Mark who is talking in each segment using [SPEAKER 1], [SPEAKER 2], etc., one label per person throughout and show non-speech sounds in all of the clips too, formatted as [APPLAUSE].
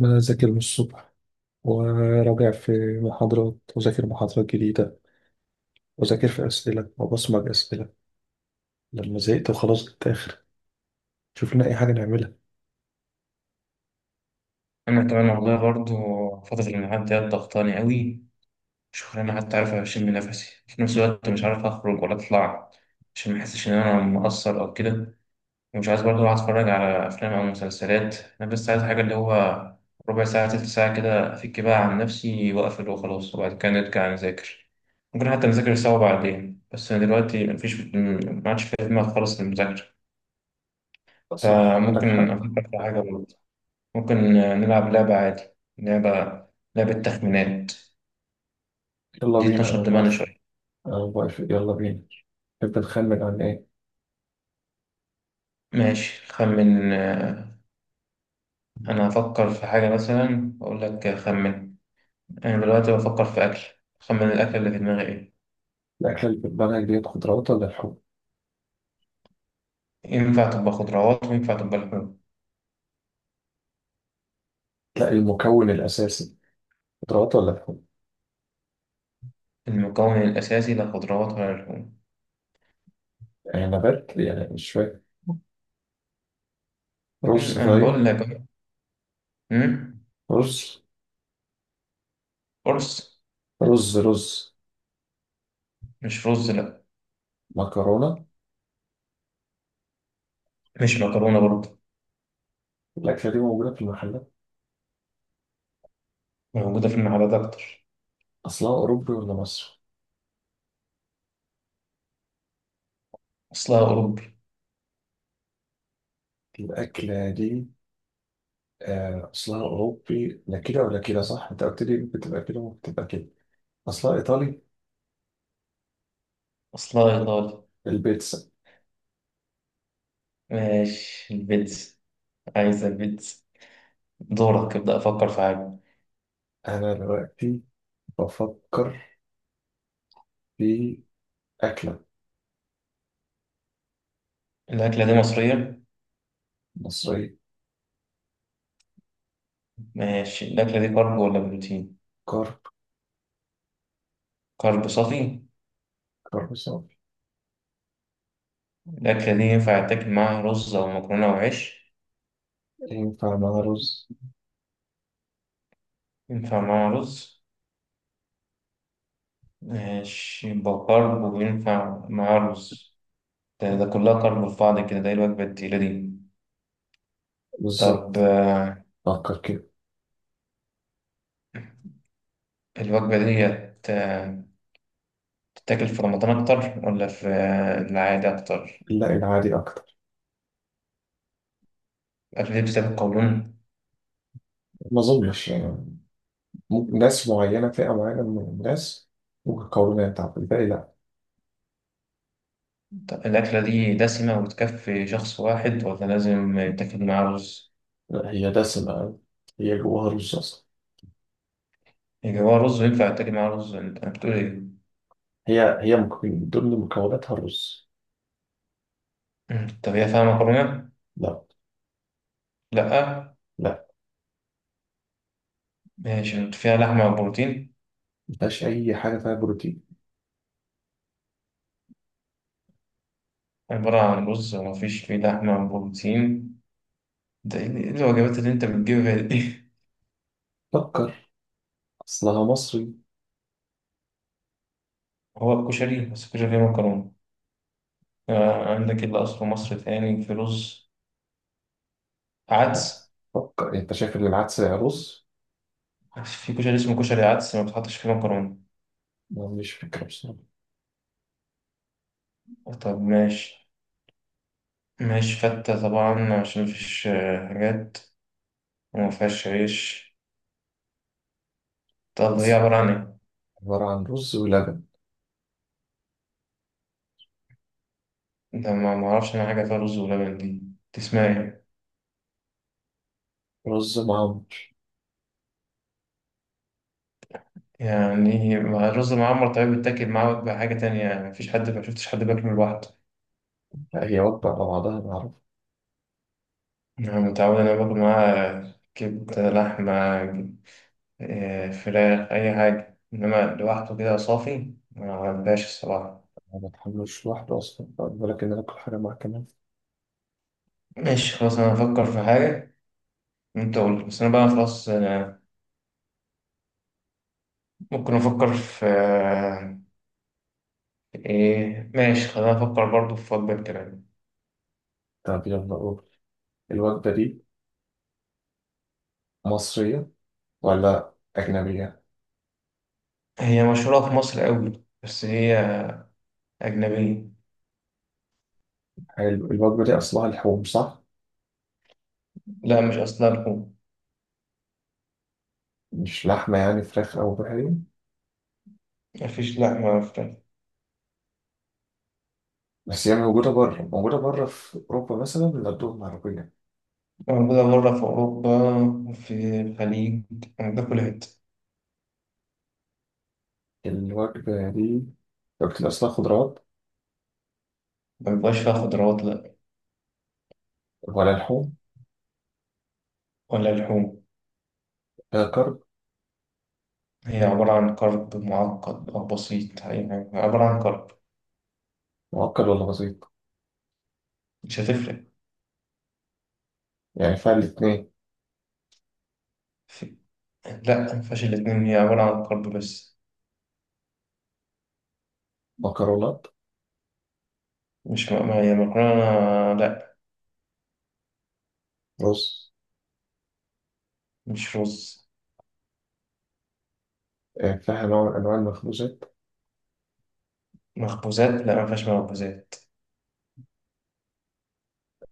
[SPEAKER 1] إن أنا أذاكر من الصبح وراجع في محاضرات وذاكر محاضرات جديدة وذاكر في أسئلة وبصمج أسئلة. لما زهقت وخلاص الآخر، شوف لنا أي حاجة نعملها.
[SPEAKER 2] انا كمان والله برضو. فترة الامتحانات دي ضغطاني قوي. مش انا حتى عارف اشم نفسي، في نفس الوقت مش عارف اخرج ولا اطلع عشان ما احسش ان انا مقصر او كده. ومش عايز برضو اقعد اتفرج على افلام او مسلسلات. انا بس عايز حاجة اللي هو ربع ساعة تلت ساعة كده افك بقى عن نفسي واقفل وخلاص، وبعد كده نرجع نذاكر. ممكن حتى نذاكر سوا بعدين، بس انا دلوقتي مفيش ما عادش في دماغي خالص المذاكرة.
[SPEAKER 1] صح، عندك
[SPEAKER 2] فممكن
[SPEAKER 1] حق.
[SPEAKER 2] افكر في حاجة. ممكن نلعب لعبة عادي. لعبة، لعبة تخمينات.
[SPEAKER 1] يلا
[SPEAKER 2] دي
[SPEAKER 1] بينا،
[SPEAKER 2] تنشط
[SPEAKER 1] أنا
[SPEAKER 2] دماغنا
[SPEAKER 1] موافق.
[SPEAKER 2] شوية.
[SPEAKER 1] أنا موافق يلا بينا. تحب نخمن عن إيه؟
[SPEAKER 2] ماشي خمن، أنا هفكر في حاجة مثلا وأقول لك خمن. أنا دلوقتي بفكر في أكل. خمن الأكل اللي في دماغي إيه؟
[SPEAKER 1] الأكلة اللي في دماغك ديت خضروات ولا لحوم؟
[SPEAKER 2] ينفع تبقى خضروات وينفع تبقى لحوم.
[SPEAKER 1] لا، المكون الأساسي خضروات ولا لحوم؟
[SPEAKER 2] المكون الأساسي لا خضروات ولا لحوم.
[SPEAKER 1] يعني نبات؟ يعني مش فاهم. رز؟
[SPEAKER 2] أنا بقول
[SPEAKER 1] طيب،
[SPEAKER 2] لك. مم،
[SPEAKER 1] رز.
[SPEAKER 2] رز؟
[SPEAKER 1] رز.
[SPEAKER 2] مش رز، لأ.
[SPEAKER 1] مكرونة؟
[SPEAKER 2] مش مكرونة برضه.
[SPEAKER 1] الأكلة دي موجودة في المحلات.
[SPEAKER 2] موجودة في المحلات أكتر.
[SPEAKER 1] أصلها أوروبي ولا مصري؟
[SPEAKER 2] أصلها أوروبي.
[SPEAKER 1] الأكلة دي، أصلها أوروبي، لا كده ولا كده، صح؟ أنت قلت لي بتبقى كده وبتبقى كده. أصلها إيطالي.
[SPEAKER 2] أصلها إيطالي.
[SPEAKER 1] البيتزا.
[SPEAKER 2] ماشي، البيتزا. عايزة البيتزا. دورك، ابدأ أفكر في حاجة.
[SPEAKER 1] أنا دلوقتي بفكر في أكلة
[SPEAKER 2] الأكلة دي مصرية.
[SPEAKER 1] مصرية.
[SPEAKER 2] ماشي، الأكلة دي كارب ولا بروتين؟
[SPEAKER 1] كرب.
[SPEAKER 2] كارب صافي.
[SPEAKER 1] كرب صافي.
[SPEAKER 2] الأكلة دي ينفع تاكل معاها رز أو مكرونة أو عيش؟
[SPEAKER 1] ينفع مع رز.
[SPEAKER 2] ينفع معاها رز. ماشي، يبقى كارب وينفع معاها رز. ده كلها كارب في بعض كده، ده إيه الوجبة التقيلة دي؟ طب
[SPEAKER 1] بالظبط. فكر كده.
[SPEAKER 2] الوجبة دي تتاكل في رمضان أكتر ولا في العادي أكتر؟
[SPEAKER 1] لا، العادي أكتر.
[SPEAKER 2] الأكلة دي بتستهلك قولون؟
[SPEAKER 1] ما أظنش يعني. ممكن ناس معينة، فئة معينة من الناس، ممكن قولونها، تعرف الباقي، لا.
[SPEAKER 2] طب الأكلة دي دسمة وتكفي شخص واحد ولا لازم يتاكل معاه رز؟
[SPEAKER 1] لا، هي دسمة. هي جواها رز أصلا.
[SPEAKER 2] يجي هو رز وينفع يتاكل معاه رز، أنت أنا بتقول إيه؟
[SPEAKER 1] من ضمن مكوناتها الرز.
[SPEAKER 2] مم. طب هي فيها مكرونة؟
[SPEAKER 1] لا.
[SPEAKER 2] لأ.
[SPEAKER 1] لا،
[SPEAKER 2] ماشي، أنت فيها لحمة وبروتين؟
[SPEAKER 1] مفيهاش أي حاجة فيها بروتين.
[SPEAKER 2] عبارة عن رز ومفيش فيه لحمة وبروتين؟ ده إيه الوجبات اللي أنت بتجيبها دي؟
[SPEAKER 1] فكر. أصلها مصري.
[SPEAKER 2] [LAUGHS] هو الكشري، بس الكشري فيه مكرونة. عندك اللي أصله مصر تاني في رز. عدس.
[SPEAKER 1] فكر، أنت شايف إن العدس رز؟
[SPEAKER 2] في كشري اسمه كشري عدس ما بتحطش فيه مكرونة.
[SPEAKER 1] ما عنديش فكرة بصراحة.
[SPEAKER 2] طب ماشي. مش فتة طبعا عشان مفيش حاجات وما فيهاش عيش. طب هي
[SPEAKER 1] بس
[SPEAKER 2] عبارة عن ايه؟
[SPEAKER 1] عبارة عن رز ولبن.
[SPEAKER 2] ده ما معرفش أنا حاجة فيها رز ولبن دي. تسمع ايه؟
[SPEAKER 1] رز معمر.
[SPEAKER 2] يعني مع الرز معمر؟ طيب بيتاكل معاه بقى حاجة تانية يعني، مفيش حد، ما شفتش حد بياكله لوحده.
[SPEAKER 1] لا، هي وجبة على بعضها أنا أعرف.
[SPEAKER 2] أنا متعود أنا باكل معاه كبدة، لحمة، فراخ، أي حاجة، إنما لوحده كده صافي ما عندهاش الصراحة.
[SPEAKER 1] أنا ما بتحملوش لوحده أصلا، بالك إن أنا آكل حاجة معاه كمان.
[SPEAKER 2] ماشي خلاص، أنا هفكر في حاجة. أنت قول بس، أنا بقى خلاص أنا. ممكن أفكر في إيه، ماشي خلينا نفكر برضو في وجبة كمان.
[SPEAKER 1] طب يلا قول. الوجبة دي مصرية ولا أجنبية؟
[SPEAKER 2] هي مشهورة في مصر قوي، بس هي أجنبية.
[SPEAKER 1] حلو. الوجبة دي أصلها لحوم صح؟
[SPEAKER 2] لا مش أصلها لحوم.
[SPEAKER 1] مش لحمة، يعني فراخ أو بحري؟
[SPEAKER 2] مفيش لحمة ولا فراخ.
[SPEAKER 1] بس هي موجودة بره، موجودة بره في أوروبا مثلا بيغدوهم عربية.
[SPEAKER 2] موجودة بره في أوروبا، في الخليج. موجودة في كل حتة.
[SPEAKER 1] الوجبة دي لو بتبقى أصلها خضروات
[SPEAKER 2] مبيبقاش فيها خضروات، لأ.
[SPEAKER 1] ولا لحوم.
[SPEAKER 2] ولا لحوم.
[SPEAKER 1] فيها كرب؟
[SPEAKER 2] هي عبارة عن كرب معقد أو بسيط يعني؟ عبارة عن كرب.
[SPEAKER 1] معقد ولا بسيط؟
[SPEAKER 2] مش هتفرق.
[SPEAKER 1] يعني فيها الاتنين.
[SPEAKER 2] في... لأ، مفيهاش الاتنين، هي عبارة عن كرب بس.
[SPEAKER 1] مكرونات؟
[SPEAKER 2] مش م... ما هي مكرونة، لأ.
[SPEAKER 1] رز؟
[SPEAKER 2] مش رز.
[SPEAKER 1] فيها نوع من أنواع المخبوزات.
[SPEAKER 2] مخبوزات، لأ مفيهاش مخبوزات.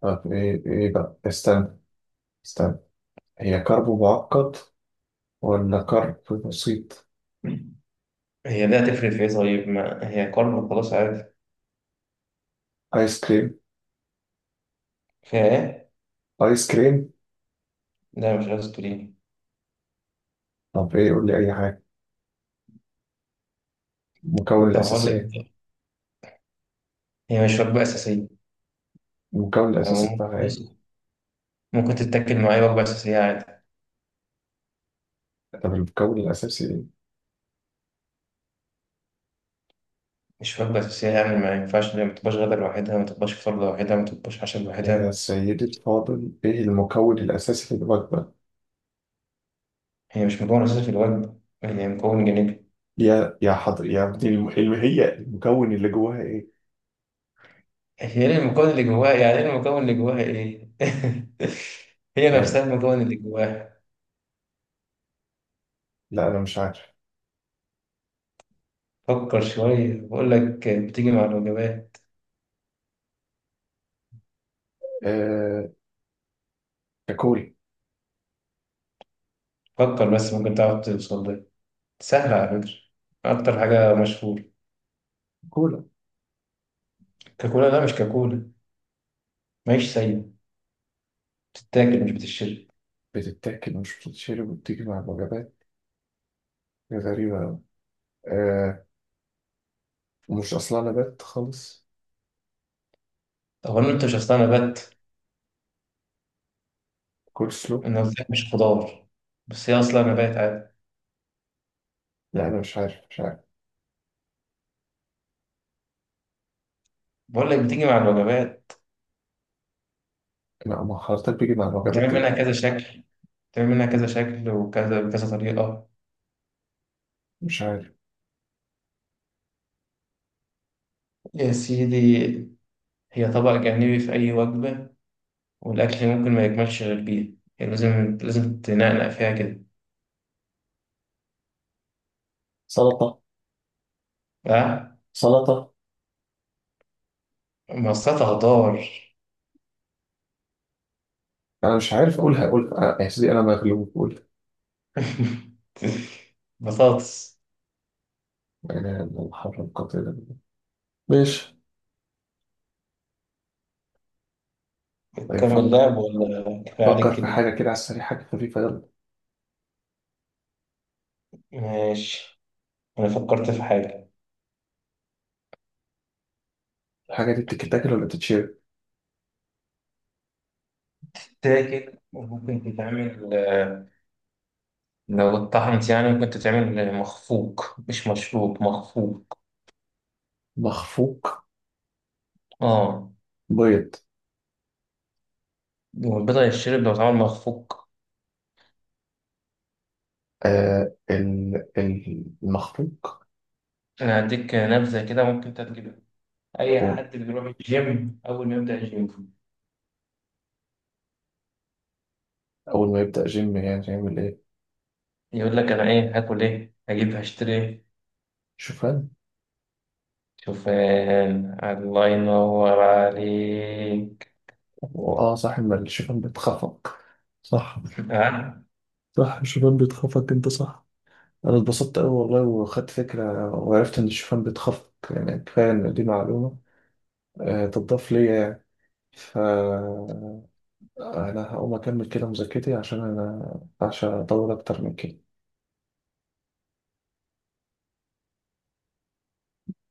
[SPEAKER 1] طب إيه إيه بقى، استنى، استنى. هي كرب معقد ولا كرب بسيط؟
[SPEAKER 2] هي ده هتفرق في ايه؟ طيب ما هي كارب خلاص، عادي.
[SPEAKER 1] آيس كريم.
[SPEAKER 2] فيها ايه؟
[SPEAKER 1] آيس كريم.
[SPEAKER 2] لا مش عايز تقولي.
[SPEAKER 1] طب إيه، قول لي أي حاجة. المكون
[SPEAKER 2] طب اقول
[SPEAKER 1] الأساسي
[SPEAKER 2] لك
[SPEAKER 1] إيه؟
[SPEAKER 2] إيه؟ هي مش وجبة أساسية
[SPEAKER 1] المكون الأساسي
[SPEAKER 2] يعني.
[SPEAKER 1] بتاعها
[SPEAKER 2] بص،
[SPEAKER 1] إيه؟
[SPEAKER 2] ممكن تتاكل معايا وجبة أساسية عادي.
[SPEAKER 1] طب المكون الأساسي إيه؟
[SPEAKER 2] مش وجبة أساسية يعني، ما ينفعش ما تبقاش غدا لوحدها، ما تبقاش فطار لوحدها، ما تبقاش عشاء
[SPEAKER 1] يا
[SPEAKER 2] لوحدها.
[SPEAKER 1] سيدي الفاضل، إيه المكون الأساسي في الوجبة؟
[SPEAKER 2] هي مش مكون أساسي في الوجبة، هي مكون جانبي.
[SPEAKER 1] يا حضر يا ابني، هي المكون اللي جواها ايه؟
[SPEAKER 2] هي ايه المكون اللي جواها يعني؟ ايه المكون اللي جواها ايه؟ [LAUGHS] هي نفسها
[SPEAKER 1] يعني
[SPEAKER 2] المكون اللي جواها.
[SPEAKER 1] لا، انا مش عارف.
[SPEAKER 2] فكر شوية، بقول لك بتيجي مع الوجبات.
[SPEAKER 1] آه... كولا.
[SPEAKER 2] فكر، بس ممكن تعرف توصل. سهلة على فكرة، أكتر حاجة مشهورة.
[SPEAKER 1] كولا.
[SPEAKER 2] كاكولا؟ لا مش كاكولا. ماهيش سايبة، بتتاكل مش بتتشرب.
[SPEAKER 1] بتتاكل مش بتتشرب وبتيجي مع الوجبات؟ دي غريبة أوي. آه... ومش اصلا نبات خالص.
[SPEAKER 2] أولا أنت، مش أصلها نبات.
[SPEAKER 1] كول سلو.
[SPEAKER 2] أنا قلت لك مش خضار، بس هي أصلها نبات عادي.
[SPEAKER 1] لا انا مش عارف، مش عارف.
[SPEAKER 2] بقول لك بتيجي مع الوجبات.
[SPEAKER 1] لا ما حضرتك بيجي مع الوجبات
[SPEAKER 2] بتعمل منها
[SPEAKER 1] ايه؟
[SPEAKER 2] كذا شكل، بتعمل منها كذا شكل وكذا بكذا طريقة.
[SPEAKER 1] مش عارف.
[SPEAKER 2] يا سيدي، هي طبق جانبي في أي وجبة، والأكل ممكن ما يكملش غير بيها، يعني لازم لازم تنقنق فيها كده.
[SPEAKER 1] سلطة.
[SPEAKER 2] أه؟
[SPEAKER 1] سلطة.
[SPEAKER 2] ما أصلها خضار.
[SPEAKER 1] انا مش عارف اقولها، اقولها يا سيدي انا مغلوب، قولها.
[SPEAKER 2] [LAUGHS] بطاطس.
[SPEAKER 1] انا الحر القاتل ده. ماشي. طيب
[SPEAKER 2] بتكمل
[SPEAKER 1] فكر.
[SPEAKER 2] اللعب ولا كفاية
[SPEAKER 1] فكر
[SPEAKER 2] عليك
[SPEAKER 1] في
[SPEAKER 2] كده؟
[SPEAKER 1] حاجة كده على السريع، حاجة خفيفة، يلا.
[SPEAKER 2] ماشي، أنا فكرت في حاجة.
[SPEAKER 1] الحاجة دي بتتاكل ولا بتتشرب؟
[SPEAKER 2] تاكل، وممكن تتعمل لو اتطحنت يعني، ممكن تتعمل مخفوق، مش مشروب، مخفوق.
[SPEAKER 1] مخفوق.
[SPEAKER 2] اه،
[SPEAKER 1] بيض.
[SPEAKER 2] والبيضة يتشرب لو اتعمل مخفوق.
[SPEAKER 1] المخفوق.
[SPEAKER 2] أنا هديك نبذة كده ممكن أنت تجيبها. أي
[SPEAKER 1] هو
[SPEAKER 2] حد بيروح الجيم، أول ما يبدأ الجيم
[SPEAKER 1] أول ما يبدأ جيم يعني يعمل إيه؟
[SPEAKER 2] يقول لك أنا إيه هاكل، إيه هجيب، هشتري إيه؟
[SPEAKER 1] شوفان.
[SPEAKER 2] شوفان. الله ينور عليك.
[SPEAKER 1] آه صح، ما الشوفان بيتخفق. صح.
[SPEAKER 2] آه.
[SPEAKER 1] صح الشوفان بيتخفق، أنت صح. أنا اتبسطت أوي والله، وخدت فكرة وعرفت إن الشوفان بيتخفق، يعني كفاية إن دي معلومة آه تضاف ليا يعني. فأنا هقوم أكمل كده مذاكرتي، عشان أنا عشان أطول أكتر من كده.